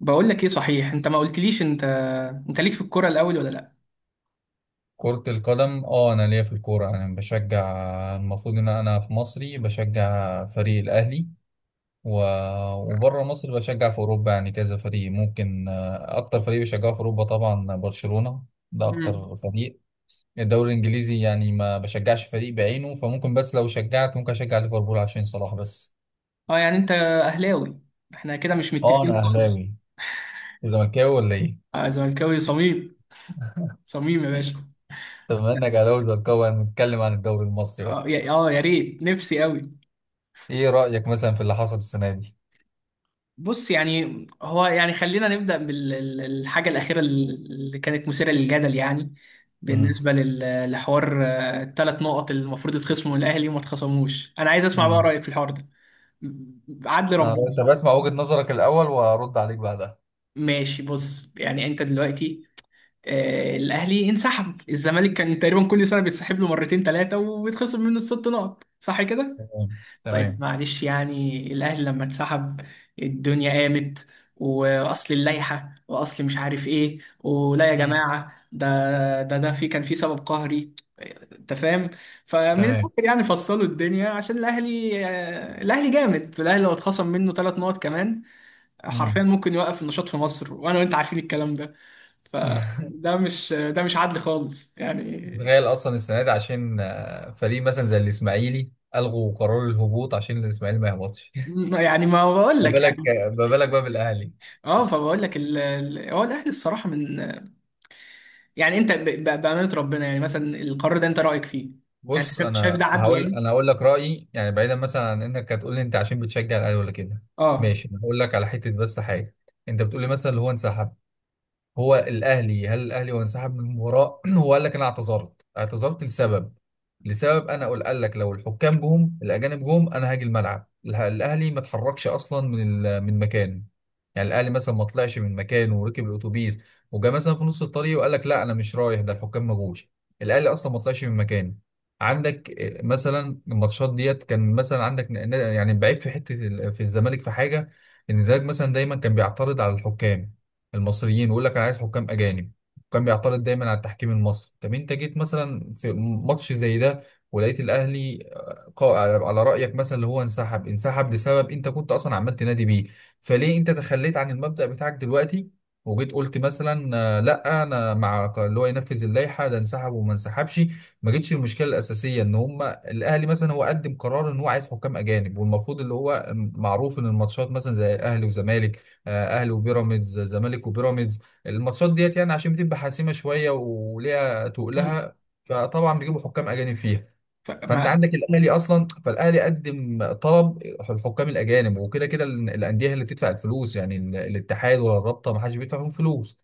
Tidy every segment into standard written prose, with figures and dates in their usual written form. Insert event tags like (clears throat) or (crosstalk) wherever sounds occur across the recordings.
بقول لك ايه، صحيح انت ما قلتليش، انت انت ليك في الكوره الاول ولا لا؟ كرة القدم، انا ليا في الكورة. انا بشجع المفروض ان انا في مصري بشجع فريق الاهلي، و... وبره مصر بشجع في اوروبا، يعني كذا فريق ممكن، اكتر فريق بشجعه في اوروبا طبعا برشلونة. ده امم اكتر فريق. الدوري الانجليزي يعني ما بشجعش فريق بعينه، فممكن بس لو شجعت ممكن اشجع ليفربول عشان صلاح بس. اه، يعني انت اهلاوي. احنا كده مش اه، انا متفقين خالص. اهلاوي. وزملكاوي ولا ايه؟ اه، زملكاوي صميم، صميم يا باشا. طب بما انك اهلاوي وزملكاوي هنتكلم عن الدوري المصري بقى. يا ريت، نفسي قوي. ايه رأيك مثلا في اللي حصل السنة دي؟ بص، يعني هو يعني خلينا نبدا بالحاجه الاخيره اللي كانت مثيره للجدل يعني. بالنسبه لحوار، الثلاث نقط اللي المفروض يتخصموا من الاهلي وما اتخصموش، انا عايز اسمع بقى امم. رايك في الحوار ده. عدل اه، ربنا. طب اسمع وجهة نظرك الأول وأرد عليك بعدها. ماشي، بص يعني انت دلوقتي، الاهلي انسحب، الزمالك كان تقريبا كل سنه بيتسحب له مرتين ثلاثه وبيتخصم منه الست نقط، صح كده؟ تمام. طيب، تمام. معلش، يعني الاهلي لما اتسحب الدنيا قامت، واصل اللائحه، واصل مش عارف ايه، ولا يا مم. جماعه ده. ده في كان في سبب قهري، انت فاهم. فمن تمام. الاخر، يعني فصلوا الدنيا عشان الاهلي، الاهلي جامد، الاهلي لو اتخصم منه ثلاث نقط كمان مم. حرفيا ممكن يوقف النشاط في مصر، وانا وانت عارفين الكلام ده. فده مش، ده مش عدل خالص يعني. تخيل أصلا السنة دي عشان فريق مثلا زي الإسماعيلي ألغوا قرار الهبوط عشان الإسماعيلي ما يهبطش. (laughs) يعني ما بقول ما لك بالك يعني. ما بالك بقى بالأهلي. اه، فبقول لك هو الاهلي الصراحه من، يعني انت بامانه ربنا، يعني مثلا القرار ده انت رايك فيه؟ يعني انت بص، شايف، ده أنا عدل هقول يعني؟ أنا هقول لك رأيي، يعني بعيدا مثلا عن إنك هتقول لي أنت عشان بتشجع الأهلي ولا كده. اه. ماشي، أنا هقول لك على حتة بس حاجة. أنت بتقول لي مثلا اللي هو انسحب. هو الاهلي هل الاهلي هو انسحب من المباراه؟ (clears throat) هو قال لك انا اعتذرت، لسبب. لسبب، انا قال لك لو الحكام جم، الاجانب جم، انا هاجي الملعب. الاهلي ما اتحركش اصلا من مكانه. يعني الاهلي مثلا ما طلعش من مكانه وركب الاتوبيس وجا مثلا في نص الطريق وقال لك لا انا مش رايح، ده الحكام ما جوش. الاهلي اصلا ما طلعش من مكانه. عندك مثلا الماتشات ديت كان مثلا عندك يعني بعيب في حته، في الزمالك في حاجه. ان الزمالك مثلا دايما كان بيعترض على الحكام المصريين ويقول لك انا عايز حكام اجانب. كان بيعترض دايما على التحكيم المصري. طب انت جيت مثلا في ماتش زي ده ولقيت الاهلي، على رايك مثلا اللي هو انسحب، انسحب لسبب انت كنت اصلا عمال تنادي بيه. فليه انت تخليت عن المبدأ بتاعك دلوقتي وجيت قلت مثلا لا انا اللي هو ينفذ اللائحه، ده انسحب وما انسحبش. ما جتش المشكله الاساسيه ان هم الاهلي مثلا هو قدم قرار ان هو عايز حكام اجانب، والمفروض اللي هو معروف ان الماتشات مثلا زي الاهلي وزمالك، اهلي وبيراميدز، زمالك وبيراميدز. الماتشات ديت يعني عشان بتبقى حاسمه شويه وليها مم. تقلها، فطبعا بيجيبوا حكام اجانب فيها. فانت فما. عندك الاهلي اصلا، فالاهلي قدم طلب الحكام الاجانب، وكده كده الانديه هي اللي بتدفع الفلوس، يعني الاتحاد ولا الرابطه ما حدش بيدفع فيهم فلوس.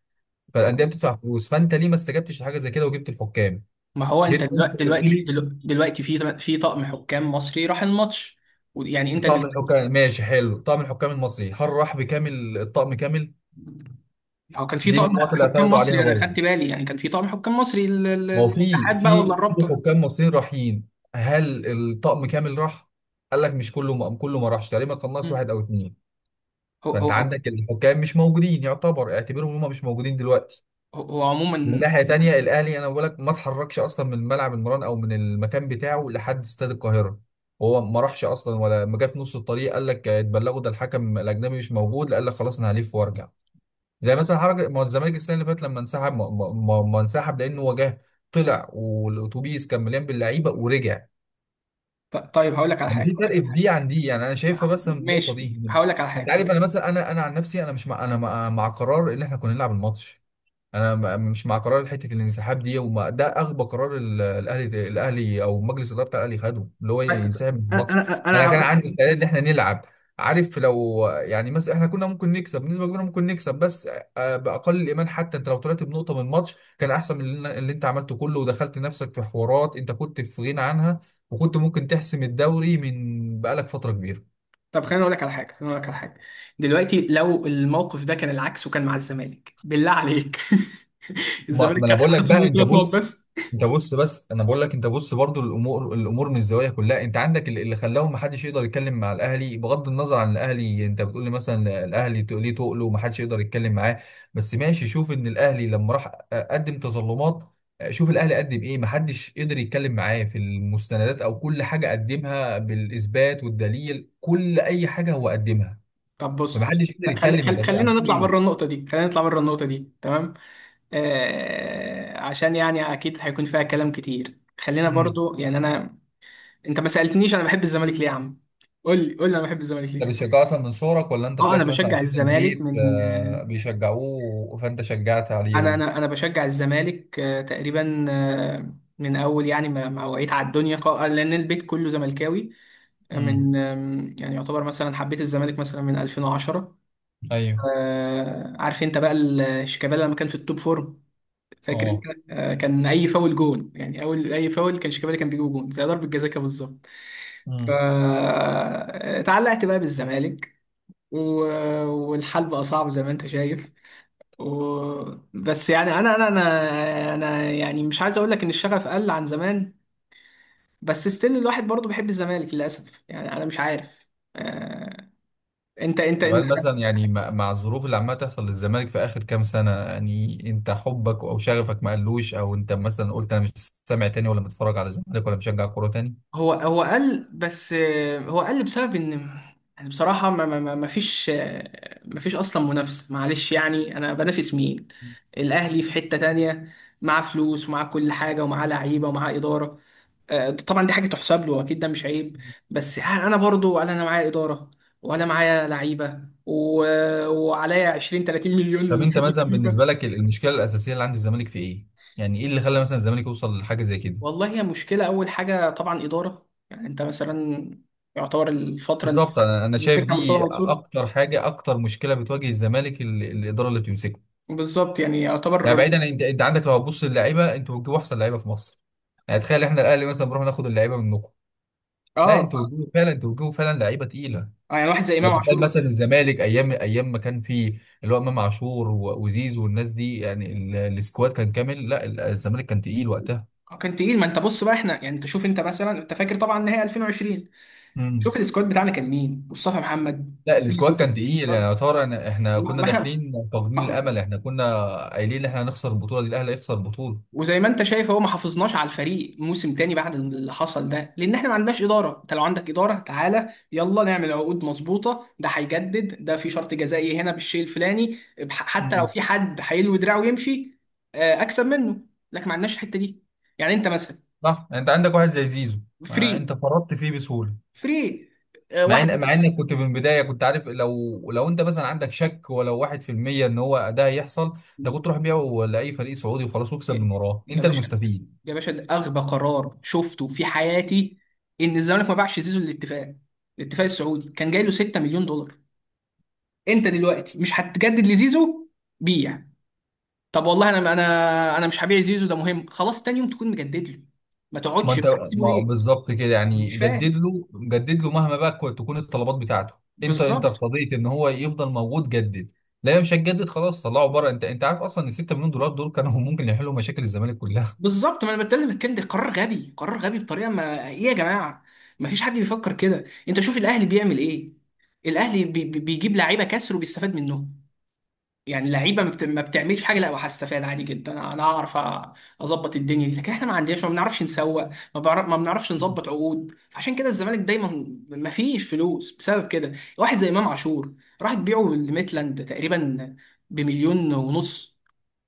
فالانديه طب، بتدفع فلوس، فانت ليه ما استجبتش لحاجه زي كده وجبت الحكام؟ ما هو انت جيت انت دلوقتي، قلت لي دلوقتي في في طقم حكام مصري راح الماتش، ويعني انت طقم دل... الحكام ماشي حلو، طقم الحكام المصري، هل راح بكامل الطقم كامل؟ هو كان في دي من طقم النقط اللي حكام اعترضوا عليها مصري، انا برضه. خدت بالي، يعني كان في طقم حكام مصري ما هو الاتحاد بقى ولا في الرابطه. حكام مصريين رايحين، هل الطقم كامل راح؟ قال لك مش كله ما كله ما راحش، تقريبا كان ناقص مم. واحد او اتنين. هو هو فانت هو عندك الحكام مش موجودين، اعتبرهم هم مش موجودين دلوقتي. هو من عموما. ناحيه تانيه الاهلي، انا بقول لك، ما اتحركش اصلا من ملعب المران او من المكان بتاعه لحد استاد القاهره. هو ما راحش اصلا، ولا ما جه في نص الطريق قال لك اتبلغوا ده الحكم الاجنبي مش موجود، لا قال لك خلاص انا هلف وارجع، زي مثلا حركه ما هو الزمالك السنه اللي فاتت لما انسحب. ما انسحب لانه وجاه، طلع والاتوبيس كان مليان باللعيبه ورجع. طيب، هقول لك على يعني حاجه، في فرق في دي عن دي، يعني انا شايفها بس من النقطه ماشي دي. هقول لك على انت حاجه، هقول عارف، انا لك مثلا انا عن نفسي، انا مش مع، انا مع قرار ان احنا كنا نلعب الماتش. انا مش مع قرار حته الانسحاب دي، وما ده اغبى قرار، الاهلي او مجلس الاداره بتاع الاهلي خده، اللي هو ينسحب من انا الماتش. انا انا انا كان هقول. عندي استعداد ان احنا نلعب. عارف لو يعني مثلا احنا كنا ممكن نكسب بنسبه كبيره، ممكن نكسب بس باقل الايمان، حتى انت لو طلعت بنقطه من الماتش كان احسن من اللي انت عملته كله، ودخلت نفسك في حوارات انت كنت في غنى عنها، وكنت ممكن تحسم الدوري من بقالك فتره كبيره. طب خليني اقول لك على حاجه، دلوقتي لو الموقف ده كان العكس وكان مع الزمالك، بالله عليك. (laughs) ما, الزمالك ما انا كان بقول لك هيتخصم بقى، منه انت ثلاث نقط بص، بس. انت بص، بس انا بقول لك انت بص برضو، الامور من الزوايا كلها، انت عندك اللي خلاهم ما حدش يقدر يتكلم مع الاهلي. بغض النظر عن الاهلي، انت بتقول لي مثلا الاهلي ليه تقله وما حدش يقدر يتكلم معاه. بس ماشي، شوف ان الاهلي لما راح قدم تظلمات. شوف الاهلي قدم ايه، ما حدش قدر يتكلم معاه في المستندات او كل حاجه قدمها بالاثبات والدليل، كل اي حاجه هو قدمها. طب بص، فما حدش قدر خلي يتكلم، انت خلي خلينا نطلع هتقول بره النقطه دي، تمام. آه، عشان يعني اكيد هيكون فيها كلام كتير، خلينا ايه؟ برضو يعني انا. انت ما سالتنيش انا بحب الزمالك ليه يا عم. قول لي، انا بحب الزمالك ده ليه. بيشجعوه اصلا من صغرك، ولا انت اه انا طلعت مثلا بشجع عشان الزمالك البيت من آه، بيشجعوه فانت شجعت انا عليهم؟ انا انا بشجع الزمالك آه، تقريبا آه، من اول، يعني ما وعيت على الدنيا، لان البيت كله زملكاوي. آه، امم. من يعني يعتبر مثلا حبيت الزمالك مثلا من 2010. ايوه. آه، عارف انت بقى شيكابالا لما كان في التوب فورم، فاكر انت؟ اه. آه، كان اي فاول جون، يعني اول اي فاول كان شيكابالا كان بيجيب جون زي ضربة جزاء كده بالظبط. امم. فتعلقت بقى بالزمالك، و- والحال بقى صعب زي ما انت شايف. و... بس يعني انا يعني مش عايز اقول لك ان الشغف قل عن زمان، بس ستيل الواحد برضه بيحب الزمالك للاسف، يعني انا مش عارف. آه، انت انت كمان انت مثلا يعني مع الظروف اللي عماله تحصل للزمالك في اخر كام سنه، يعني انت حبك او شغفك ما قلوش، او انت مثلا قلت انا مش سامع تاني ولا متفرج على الزمالك ولا بشجع كوره تاني؟ هو هو قل، بس آه، هو قل بسبب ان يعني بصراحة ما فيش، ما فيش اصلا منافسة. معلش، يعني انا بنافس مين؟ الاهلي في حتة تانية، معاه فلوس ومعاه كل حاجة ومعاه لعيبة ومعاه إدارة. آه، طبعا دي حاجه تحسب له اكيد، ده مش عيب. بس انا برضو، ولا انا معايا اداره ولا معايا لعيبه، و... وعليا 20 30 طب مليون انت مثلا (laughs) فيفا. بالنسبه لك، المشكله الاساسيه اللي عند الزمالك في ايه؟ يعني ايه اللي خلى مثلا الزمالك يوصل لحاجه زي كده؟ والله، هي مشكله. اول حاجه طبعا اداره، يعني انت مثلا يعتبر الفتره اللي بالظبط، انا شايف مسكها مرتضى دي منصور اكتر حاجه، اكتر مشكله بتواجه الزمالك، الاداره اللي بتمسكه. بالظبط، يعني يعني يعتبر. بعيدا، انت عندك لو هتبص للعيبه، انتوا بتجيبوا احسن لعيبه في مصر. يعني تخيل، احنا الاهلي مثلا بنروح ناخد اللعيبه منكم. لا، اه ف، انتوا بتجيبوا فعلا، انتوا بتجيبوا فعلا لعيبه تقيله. آه، يعني واحد زي امام يعني تخيل عاشور مثلا مثلا. الزمالك ايام ايام ما كان فيه اللي هو امام عاشور وزيزو والناس دي، يعني السكواد كان كامل. لا، الزمالك كان تقيل وقتها. آه، كان تقيل. ما انت بص بقى احنا، يعني انت شوف، انت مثلا انت فاكر طبعا نهائي 2020، شوف امم. السكواد بتاعنا كان مين، مصطفى محمد، لا، السكواد زيزو. كان تقيل، يعني شرب. يعتبر احنا ما كنا ما احنا، داخلين فاقدين ما الامل، احنا كنا قايلين ان احنا هنخسر البطوله دي، الاهلي هيخسر البطوله. وزي ما انت شايف هو ما حافظناش على الفريق موسم تاني بعد اللي حصل ده، لان احنا ما عندناش اداره. انت لو عندك اداره تعالى يلا نعمل عقود مظبوطه، ده هيجدد، ده في شرط جزائي هنا بالشيء الفلاني حتى لو مم. في حد هيلوي دراعه ويمشي، آه، اكسب منه. لكن ما عندناش الحته دي، يعني انت مثلا. صح، يعني انت عندك واحد زي زيزو، فري ما انت فرطت فيه بسهوله. فري آه، واحد. مع انك كنت من البدايه كنت عارف، لو انت مثلا عندك شك ولو 1%، ان هو ده هيحصل، ده كنت تروح بيعه لاي فريق سعودي وخلاص، واكسب يا، من وراه يا انت باشا المستفيد. ده اغبى قرار شفته في حياتي، ان الزمالك ما باعش زيزو للاتفاق. الاتفاق السعودي كان جاي له 6 مليون دولار. انت دلوقتي مش هتجدد لزيزو، بيع. طب والله انا، انا مش هبيع زيزو، ده مهم خلاص. تاني يوم تكون مجدد له، ما ما تقعدش، انت هتسيبه ما ليه؟ بالظبط كده، يعني مش جدد فاهم، له، جدد له مهما بقى تكون الطلبات بتاعته. انت بالظبط. ارتضيت ان هو يفضل موجود، جدد. لا مش هتجدد، خلاص طلعه بره. انت عارف اصلا ان 6 مليون دولار دول كانوا ممكن يحلوا مشاكل الزمالك كلها. بالظبط، ما انا بتكلم الكلام ده. قرار غبي، قرار غبي بطريقه. ما ايه يا جماعه، ما فيش حد بيفكر كده. انت شوف الاهلي بيعمل ايه. الاهلي بيجيب لعيبه كسر وبيستفاد منهم. يعني لعيبه ما بتعملش حاجه، لا، وهستفاد عادي جدا، انا هعرف اظبط الدنيا دي. لكن احنا ما عندناش، ما بنعرفش نسوق ما, بعرف ما بنعرفش نظبط عقود، عشان كده الزمالك دايما ما فيش فلوس بسبب كده. واحد زي امام عاشور راح تبيعه لميتلاند تقريبا بمليون ونص.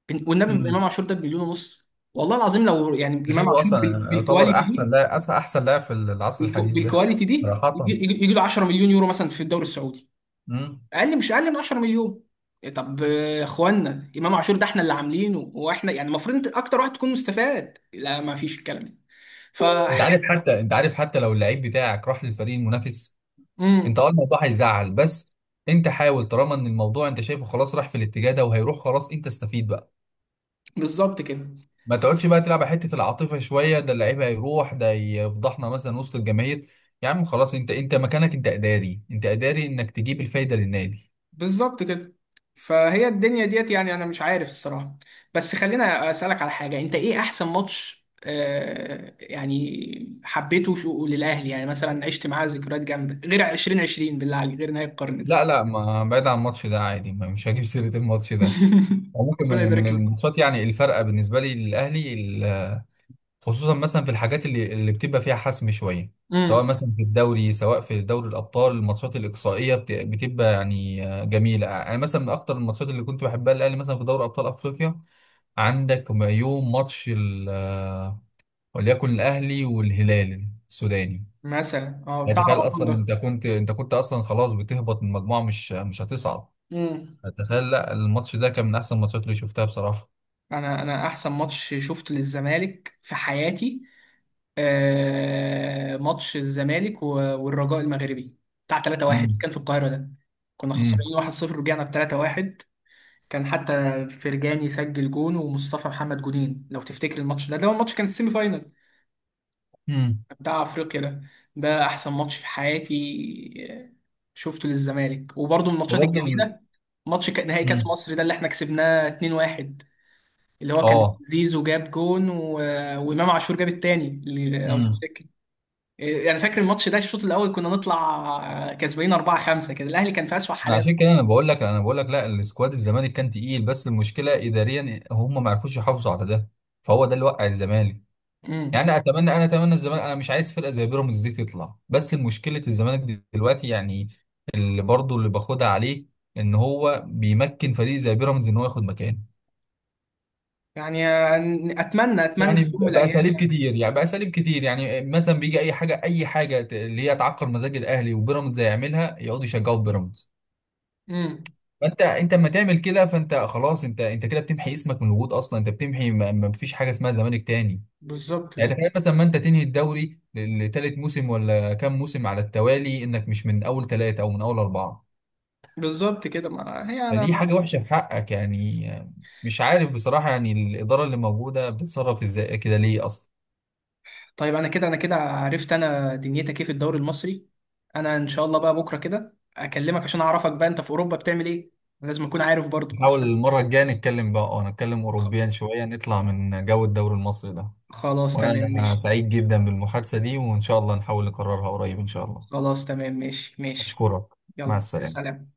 والنبي مم. امام عاشور ده بمليون ونص. والله العظيم، لو يعني امام جيرو عاشور اصلا يعتبر بالكواليتي دي، احسن لاعب، احسن لاعب في العصر الحديث ده. بالكواليتي دي يجي، صراحه. يجي له 10 مليون يورو مثلا في الدوري السعودي، امم. اقل، مش اقل من 10 مليون. إيه طب، آه، اخوانا امام عاشور ده احنا اللي عاملينه، واحنا يعني المفروض انت اكتر واحد تكون مستفاد. لا، ما فيش الكلام ده. ف، انت عارف حتى لو اللعيب بتاعك راح للفريق المنافس، انت امم الموضوع هيزعل، بس انت حاول. طالما ان الموضوع انت شايفه خلاص راح في الاتجاه ده وهيروح خلاص، انت استفيد بقى. بالظبط كده، ما تقعدش بقى تلعب على حته العاطفه شويه، ده اللعيب هيروح، ده يفضحنا مثلا وسط الجماهير. يا عم خلاص، انت مكانك، انت اداري، انت اداري انك تجيب الفايده للنادي. بالظبط كده فهي الدنيا ديت، يعني انا مش عارف الصراحه. بس خلينا اسالك على حاجه، انت ايه احسن ماتش آه يعني حبيته شو للاهلي، يعني مثلا عشت معاه ذكريات جامده غير 2020، بالله عليك، غير نهايه القرن ده. لا، لا، ما بعيد عن الماتش ده عادي، مش هجيب سيره الماتش ده. (laughs) ممكن ربنا من يبارك لك. الماتشات، يعني الفرقه بالنسبه لي للاهلي، خصوصا مثلا في الحاجات اللي بتبقى فيها حسم شويه، سواء امم، مثلا في الدوري سواء في دوري الابطال، الماتشات الاقصائيه بتبقى يعني جميله. انا مثلا من اكتر الماتشات اللي كنت بحبها الاهلي مثلا في دوري ابطال افريقيا. عندك يوم ماتش وليكن الاهلي والهلال السوداني. مثلا اه يعني بتاع تخيل اصلا رمضان. انت كنت اصلا خلاص بتهبط من مجموعه، مش هتصعد. مم. يعني تخيل، لا الماتش ده كان من احسن الماتشات اللي شفتها بصراحه. انا، انا احسن ماتش شفته للزمالك في حياتي آه، ماتش الزمالك والرجاء المغربي بتاع 3-1 امم. كان في القاهرة ده، كنا امم. خسرانين 1-0 رجعنا ب 3-1. كان حتى فرجاني سجل جون ومصطفى محمد جونين لو تفتكر الماتش ده، ده هو الماتش كان السيمي فاينال امم. بتاع افريقيا ده. ده احسن ماتش في حياتي آه، شفته للزمالك. وبرضه من الماتشات وبرضه الجميلة ماتش نهائي كاس امم. مصر ده اللي احنا كسبناه 2-1، اللي هو كان اه. زيزو جاب جون، و... وامام عاشور جاب التاني اللي لو امم. تفتكر، يعني فاكر الماتش ده الشوط الاول كنا نطلع كسبانين 4 5 كده، الاهلي كان في اسوأ حالاته. عشان كده انا بقول لك، لا السكواد الزمالك كان تقيل، بس المشكله اداريا هم ما عرفوش يحافظوا على ده، فهو ده اللي وقع الزمالك. امم، يعني انا اتمنى الزمالك، انا مش عايز فرقه زي بيراميدز دي تطلع، بس مشكله الزمالك دي دلوقتي يعني، اللي برضه اللي باخدها عليه، ان هو بيمكن فريق زي بيراميدز ان هو ياخد مكانه. يعني اتمنى، يعني في يوم من الايام باساليب يعني. كتير، يعني مثلا بيجي اي حاجه، اللي هي تعكر مزاج الاهلي، وبيراميدز يعملها، يقعدوا يشجعوا بيراميدز. امم، ما انت اما تعمل كده فانت خلاص، انت كده بتمحي اسمك من الوجود اصلا، انت بتمحي، ما فيش حاجه اسمها زمالك تاني. بالظبط، يعني تخيل مثلا ما انت تنهي الدوري لتالت موسم ولا كام موسم على التوالي، انك مش من اول ثلاثه او من اول اربعه. بالظبط كده ما هي فدي انا. حاجه وحشه في حقك يعني. مش عارف بصراحه، يعني الاداره اللي موجوده بتتصرف ازاي كده ليه اصلا. طيب، انا كده، عرفت انا دنيتك ايه في الدوري المصري، انا ان شاء الله بقى بكره كده اكلمك عشان اعرفك بقى انت في اوروبا بتعمل ايه، لازم اكون عارف برضو نحاول عشان. المره الجايه نتكلم بقى، نتكلم خ- اوروبيا شويه، نطلع من جو الدوري المصري ده. خلاص تمام وانا ماشي. سعيد جدا بالمحادثه دي، وان شاء الله نحاول نكررها قريب ان شاء الله. خلاص تمام ماشي. أشكرك. مع يلا السلامة. سلام.